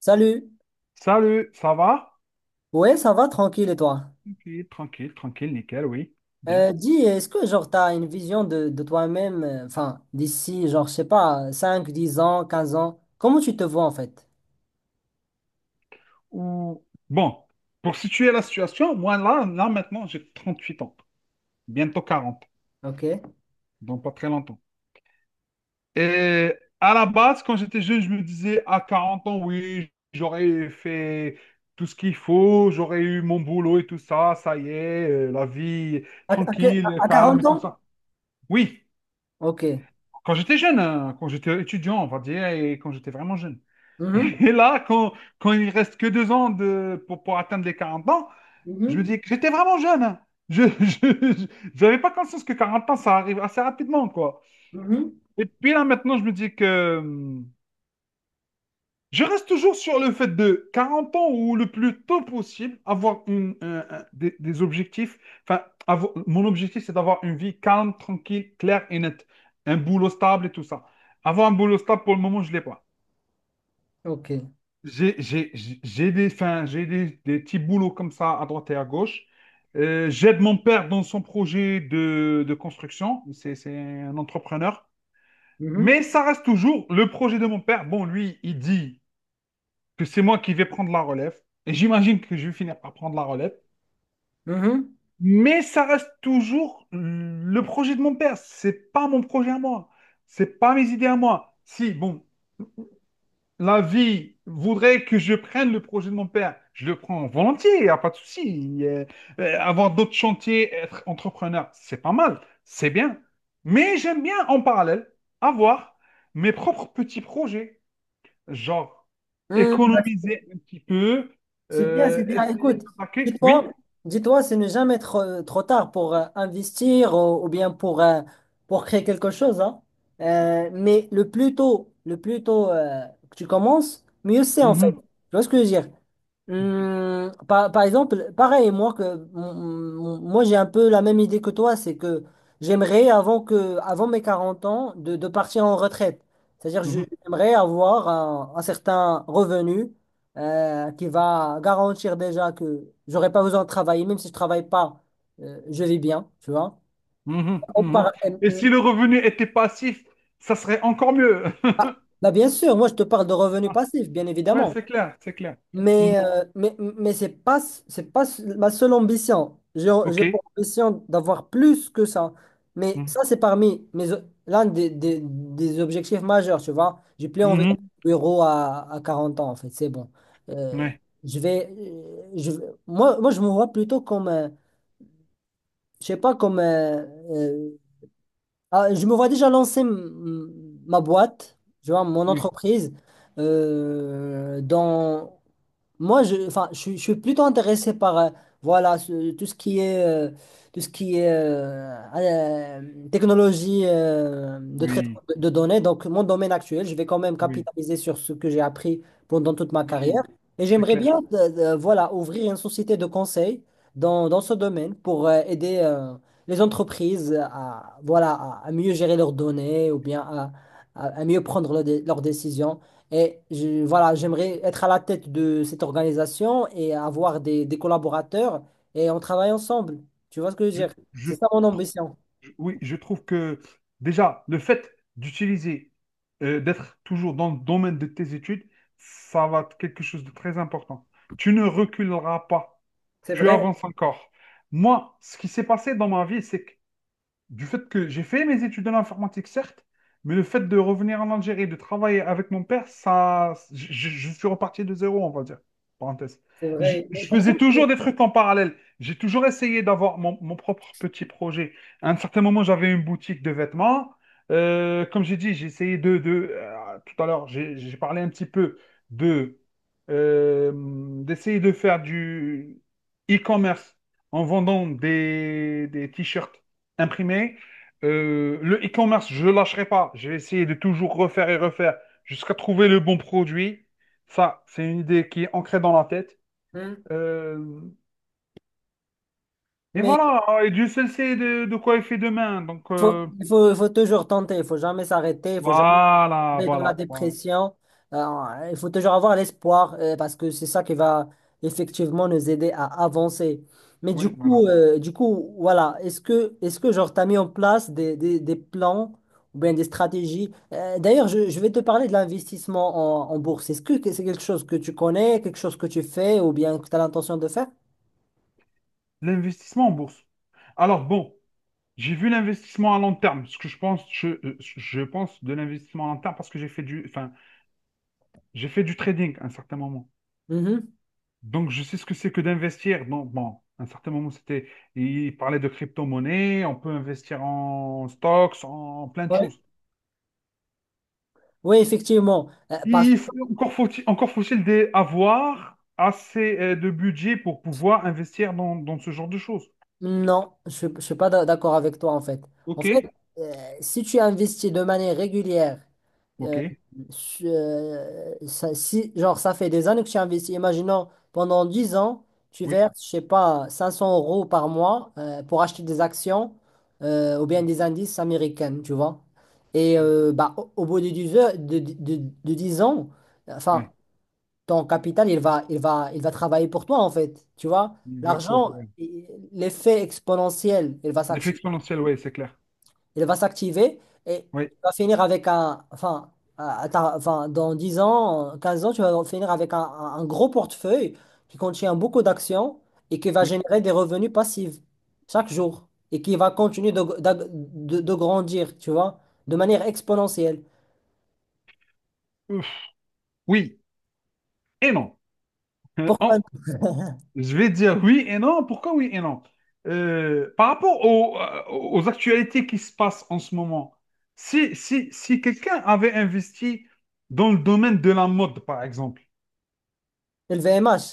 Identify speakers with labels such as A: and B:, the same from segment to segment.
A: Salut.
B: Salut, ça va?
A: Ouais, ça va tranquille et toi?
B: Tranquille, tranquille, tranquille, nickel, oui. Bien.
A: Dis, est-ce que t'as une vision de toi-même, enfin d'ici je sais pas 5, 10 ans, 15 ans, comment tu te vois en fait?
B: Ou... Bon, pour situer la situation, moi là maintenant, j'ai 38 ans, bientôt 40,
A: Ok.
B: donc pas très longtemps. Et à la base, quand j'étais jeune, je me disais, à 40 ans, oui, j'aurais fait tout ce qu'il faut, j'aurais eu mon boulot et tout ça, ça y est, la vie
A: À, à que-
B: tranquille,
A: à
B: calme
A: 40
B: et tout
A: ans?
B: ça. Oui,
A: Ok.
B: quand j'étais jeune, hein, quand j'étais étudiant, on va dire, et quand j'étais vraiment jeune.
A: Mhm.
B: Et là, quand il reste que 2 ans pour atteindre les 40 ans, je me
A: Mhm.
B: dis que j'étais vraiment jeune, hein. Je, je, j'avais pas conscience que 40 ans, ça arrive assez rapidement, quoi.
A: Mhm.
B: Et puis là, maintenant, je me dis que je reste toujours sur le fait de 40 ans ou le plus tôt possible, avoir une, un- des objectifs. Enfin, mon objectif, c'est d'avoir une vie calme, tranquille, claire et nette. Un boulot stable et tout ça. Avoir un boulot stable, pour le moment, je ne l'ai pas.
A: Ok.
B: Enfin, j'ai des petits boulots comme ça à droite et à gauche. J'aide mon père dans son projet de construction. C'est un entrepreneur.
A: Mhm.
B: Mais ça reste toujours le projet de mon père. Bon, lui, il dit que c'est moi qui vais prendre la relève. Et j'imagine que je vais finir par prendre la relève.
A: Mhm.
B: Mais ça reste toujours le projet de mon père. C'est pas mon projet à moi. C'est pas mes idées à moi. Si, bon, la vie voudrait que je prenne le projet de mon père, je le prends volontiers, il n'y a pas de souci. Avoir d'autres chantiers, être entrepreneur, c'est pas mal, c'est bien. Mais j'aime bien en parallèle avoir mes propres petits projets, genre
A: Mhm. Hmm.
B: économiser un petit peu,
A: C'est bien, c'est bien. Écoute,
B: essayer d'attaquer,
A: dis-toi,
B: oui.
A: dis-toi, c'est ne jamais trop tard pour investir ou bien pour créer quelque chose, hein. Mais le plus tôt que tu commences, mieux c'est en fait.
B: Mhm,
A: Tu vois ce que je veux dire? Par exemple, pareil, moi, que, mon- mon- moi j'ai un peu la même idée que toi, c'est que j'aimerais, avant mes 40 ans, de partir en retraite. C'est-à-dire,
B: mhm,
A: j'aimerais avoir un certain revenu qui va garantir déjà que j'aurai pas besoin de travailler, même si je travaille pas, je vis bien, tu vois.
B: mhm,
A: On
B: mhm.
A: par- euh,
B: Et
A: euh,
B: si le revenu était passif, ça serait encore mieux.
A: ah, Bah, bien sûr, moi je te parle de revenus passifs, bien
B: Ouais,
A: évidemment.
B: c'est clair, c'est clair. Mhm.
A: Mais c'est pas ma seule ambition.
B: Ok.
A: J'ai pour ambition d'avoir plus que ça. Mais ça,
B: Mhm.
A: c'est parmi l'un des objectifs majeurs, tu vois. J'ai plus envie d'être
B: Mhm.
A: bureau à 40 ans, en fait. C'est bon. Euh,
B: Ouais.
A: je vais, moi, je me vois plutôt comme, je sais pas, je me vois déjà lancer ma boîte, je vois, mon
B: Oui,
A: entreprise. Dans... Moi, je, enfin, je, suis Je suis plutôt intéressé par voilà, tout ce qui est technologie de traitement
B: oui,
A: de données. Donc, mon domaine actuel, je vais quand même
B: oui,
A: capitaliser sur ce que j'ai appris pendant toute ma carrière.
B: oui,
A: Et
B: c'est
A: j'aimerais
B: clair.
A: bien voilà, ouvrir une société de conseil dans ce domaine pour aider les entreprises à, voilà, à mieux gérer leurs données ou bien à mieux prendre leurs décisions. Voilà, j'aimerais être à la tête de cette organisation et avoir des collaborateurs et on travaille ensemble. Tu vois ce que je veux
B: Je,
A: dire? C'est
B: je-
A: ça mon ambition.
B: oui, je trouve que déjà, le fait d'utiliser, d'être toujours dans le domaine de tes études, ça va être quelque chose de très important. Tu ne reculeras pas,
A: C'est
B: tu
A: vrai,
B: avances encore. Moi, ce qui s'est passé dans ma vie, c'est que du fait que j'ai fait mes études en informatique, certes, mais le fait de revenir en Algérie, et de travailler avec mon père, ça, suis reparti de zéro, on va dire. Parenthèse.
A: c'est
B: Je,
A: vrai. Mais
B: je
A: pourquoi?
B: faisais toujours des trucs en parallèle. J'ai toujours essayé d'avoir mon propre petit projet. À un certain moment, j'avais une boutique de vêtements. Comme j'ai dit, j'ai essayé de tout à l'heure, j'ai parlé un petit peu de euh, d'essayer de faire du e-commerce en vendant des t-shirts imprimé. Le e-commerce, je ne lâcherai pas. Je vais essayer de toujours refaire et refaire jusqu'à trouver le bon produit. Ça, c'est une idée qui est ancrée dans la tête.
A: Hmm.
B: Euh, et
A: Mais
B: voilà, et Dieu seul sait de quoi il fait demain. Donc,
A: il faut toujours tenter, il faut jamais s'arrêter, il faut jamais
B: voilà,
A: tomber dans la
B: voilà, voilà.
A: dépression. Il faut toujours avoir l'espoir parce que c'est ça qui va effectivement nous aider à avancer.
B: Oui, voilà.
A: Du coup, voilà, est-ce que t'as mis en place des plans ou bien des stratégies? D'ailleurs, je vais te parler de l'investissement en bourse. Est-ce que c'est quelque chose que tu connais, quelque chose que tu fais ou bien que tu as l'intention de faire?
B: L'investissement en bourse. Alors, bon, j'ai vu l'investissement à long terme. Ce que je pense, je pense de l'investissement à long terme parce que enfin, j'ai fait du trading à un certain moment.
A: Mhm.
B: Donc, je sais ce que c'est que d'investir. Donc, bon, à un certain moment, c'était, il parlait de crypto-monnaie, on peut investir en stocks, en plein de
A: Ouais.
B: choses.
A: Oui, effectivement. Parce
B: Il faut- encore faut-il avoir assez de budget pour pouvoir investir dans ce genre de choses.
A: Non, je ne suis pas d'accord avec toi en fait. En fait,
B: OK?
A: euh, si tu investis de manière régulière,
B: OK,
A: euh, si, ça fait des années que tu investis, imaginons pendant 10 ans, tu
B: oui.
A: verses, je sais pas, 500 euros par mois pour acheter des actions ou bien des indices américains, tu vois. Et bah, au bout de 10 heures, de 10 ans,
B: Ouais.
A: enfin, ton capital, il va travailler pour toi, en fait. Tu vois,
B: L'effet
A: l'argent,
B: exponentiel, ouais.
A: i- l'effet exponentiel,
B: L'effet exponentiel, ouais, c'est clair.
A: il va s'activer et tu
B: Oui,
A: vas finir avec un, enfin, enfin, dans 10 ans, 15 ans, tu vas finir avec un gros portefeuille qui contient beaucoup d'actions et qui va
B: oui.
A: générer des revenus passifs chaque jour et qui va continuer de grandir, tu vois, de manière exponentielle.
B: Ouf. Oui et non. Euh,
A: Pourquoi
B: en- Je vais dire oui et non. Pourquoi oui et non? Par rapport aux, aux actualités qui se passent en ce moment, si quelqu'un avait investi dans le domaine de la mode, par exemple,
A: LVMH?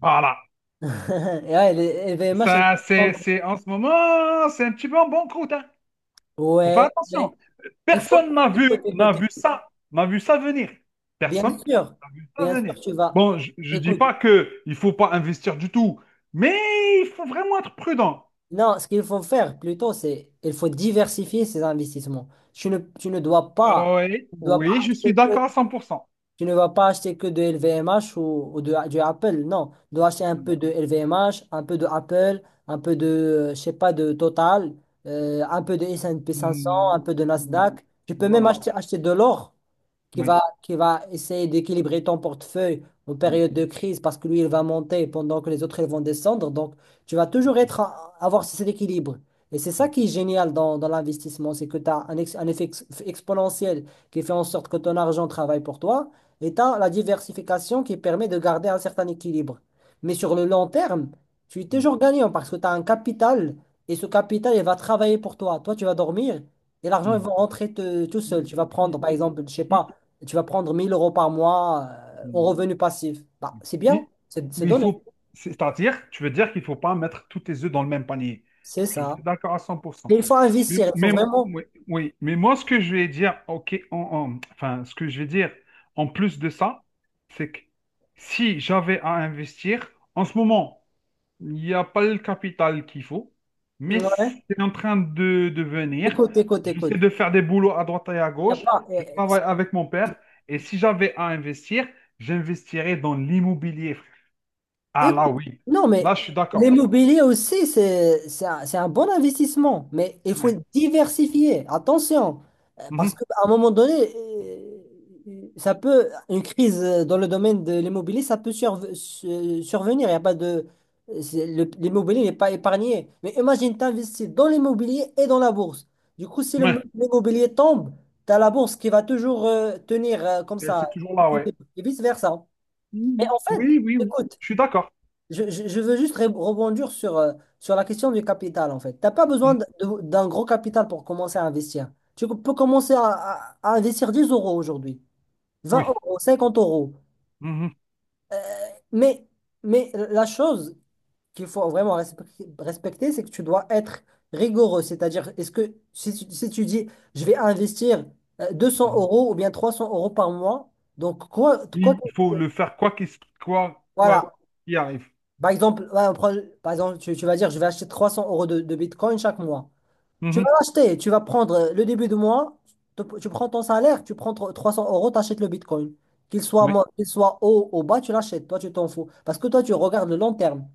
B: voilà,
A: Et ouais, les LVMH.
B: ça, en ce moment, c'est un petit peu en bon croûte, hein. Faut faire
A: Ouais, mais
B: attention.
A: il faut,
B: Personne
A: il faut t'écouter.
B: n'a vu ça venir.
A: Bien
B: Personne
A: sûr,
B: n'a vu ça
A: bien sûr,
B: venir.
A: tu vas.
B: Bon, je dis
A: Écoute,
B: pas que il faut pas investir du tout, mais il faut vraiment être prudent.
A: non, ce qu'il faut faire plutôt, c'est il faut diversifier ses investissements. Tu ne dois pas,
B: Ah oui,
A: tu ne dois pas
B: oui, je suis
A: acheter que,
B: d'accord à 100%.
A: tu ne vas pas acheter que de LVMH ou du Apple. Non, tu dois acheter un
B: Mm,
A: peu de LVMH, un peu de Apple, un peu je sais pas, de Total, un peu de S&P 500, un
B: mm,
A: peu de
B: mm,
A: Nasdaq. Tu peux même
B: Voilà.
A: acheter de l'or. Qui
B: Oui.
A: va, qui va essayer d'équilibrer ton portefeuille en
B: Mm,
A: période de crise parce que lui, il va monter pendant que les autres, ils vont descendre. Donc, tu vas toujours être à- avoir cet équilibre. Et c'est ça qui est génial dans l'investissement, c'est que tu as un effet exponentiel qui fait en sorte que ton argent travaille pour toi et tu as la diversification qui permet de garder un certain équilibre. Mais sur le long terme, tu es toujours gagnant parce que tu as un capital et ce capital, il va travailler pour toi. Toi, tu vas dormir et l'argent, il
B: mm,
A: va rentrer tout seul.
B: mm,
A: Tu vas prendre,
B: mm.
A: par exemple, je sais pas,
B: I-
A: tu vas prendre 1000 euros par mois en
B: mm,
A: revenu passif. Bah, c'est bien,
B: i-
A: c'est
B: Oui, il
A: donné,
B: faut. C'est-à-dire, tu veux dire qu'il ne faut pas mettre tous tes œufs dans le même panier.
A: c'est
B: Je suis
A: ça.
B: d'accord à 100%.
A: Mais il faut
B: Mais,
A: investir, il faut
B: mais-
A: vraiment.
B: oui, oui. Mais moi, ce que je vais dire, ok, enfin, ce que je vais dire en plus de ça, c'est que si j'avais à investir, en ce moment, il n'y a pas le capital qu'il faut, mais
A: Ouais.
B: c'est en train de venir.
A: Écoute, écoute,
B: J'essaie
A: écoute.
B: de faire des boulots à droite et à
A: Y a
B: gauche.
A: pas,
B: Je travaille avec mon père. Et si j'avais à investir, j'investirais dans l'immobilier, frère. Ah
A: Écoute,
B: là, oui.
A: non, mais
B: Là, je suis d'accord.
A: l'immobilier aussi, c'est un bon investissement, mais il faut
B: Ouais.
A: diversifier. Attention, parce
B: Mhm.
A: qu'à un moment donné, ça peut, une crise dans le domaine de l'immobilier, ça peut survenir. Il y a pas l'immobilier n'est pas épargné. Mais imagine, tu investis dans l'immobilier et dans la bourse. Du coup, si
B: Ouais.
A: l'immobilier tombe, tu as la bourse qui va toujours tenir comme
B: Et
A: ça,
B: c'est toujours là, ouais.
A: et vice-versa. Mais
B: Mhm.
A: en fait,
B: Oui, oui, oui.
A: écoute,
B: Je suis d'accord.
A: je veux juste rebondir sur, sur la question du capital, en fait. Tu n'as pas besoin
B: Mhm.
A: d'un gros capital pour commencer à investir. Tu peux commencer à investir 10 euros aujourd'hui, vingt
B: Oui.
A: euros, 50 euros.
B: Mhm.
A: Mais, mais la chose qu'il faut vraiment respecter, c'est que tu dois être rigoureux. C'est-à-dire, est-ce que si, tu si tu dis, je vais investir deux cents
B: Mhm.
A: euros ou bien 300 euros par mois, donc quoi, quoi,
B: Il faut le faire quoi
A: voilà.
B: qu'il arrive.
A: Par exemple, ouais, par exemple tu vas dire, je vais acheter 300 euros de Bitcoin chaque mois. Tu vas
B: Mhm.
A: l'acheter, tu vas prendre le début de mois, tu prends ton salaire, tu prends 300 euros, tu achètes le Bitcoin. Qu'il soit,
B: Oui.
A: qu'il soit haut ou bas, tu l'achètes, toi tu t'en fous. Parce que toi tu regardes le long terme.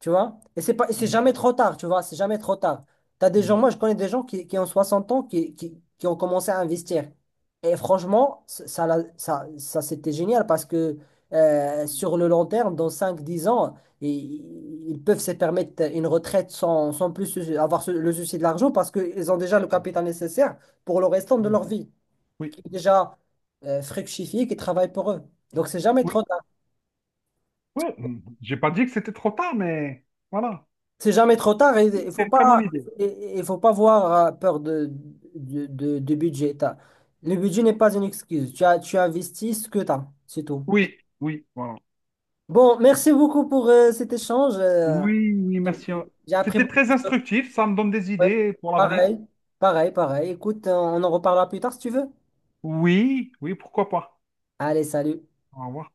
A: Tu vois? Et c'est
B: Mhm.
A: jamais trop tard, tu vois? C'est jamais trop tard. T'as des gens,
B: Mhm.
A: moi, je connais des gens qui ont 60 ans, qui ont commencé à investir. Et franchement, ça, c'était génial parce que sur le long terme, dans cinq dix ans, ils, ils peuvent se permettre une retraite sans plus avoir le souci de l'argent parce qu'ils ont déjà le capital nécessaire pour le restant de
B: Mhm.
A: leur vie,
B: Oui.
A: qui est déjà fructifié, qui travaille pour eux. Donc, c'est jamais
B: Oui.
A: trop.
B: Oui, j'ai pas dit que c'était trop tard, mais voilà.
A: C'est jamais trop tard et
B: Oui, c'est une très bonne idée.
A: il il faut pas avoir peur de budget. Le budget n'est pas une excuse. Tu as, tu investis ce que tu as, c'est tout.
B: Oui, oui, voilà.
A: Bon, merci beaucoup pour cet échange.
B: Oui, oui, merci.
A: J'ai appris
B: C'était
A: beaucoup.
B: très instructif, ça me donne des
A: Ouais.
B: idées pour l'avenir.
A: Pareil, pareil, pareil. Écoute, on en reparlera plus tard si tu veux.
B: Oui, oui, pourquoi pas.
A: Allez, salut.
B: Au revoir.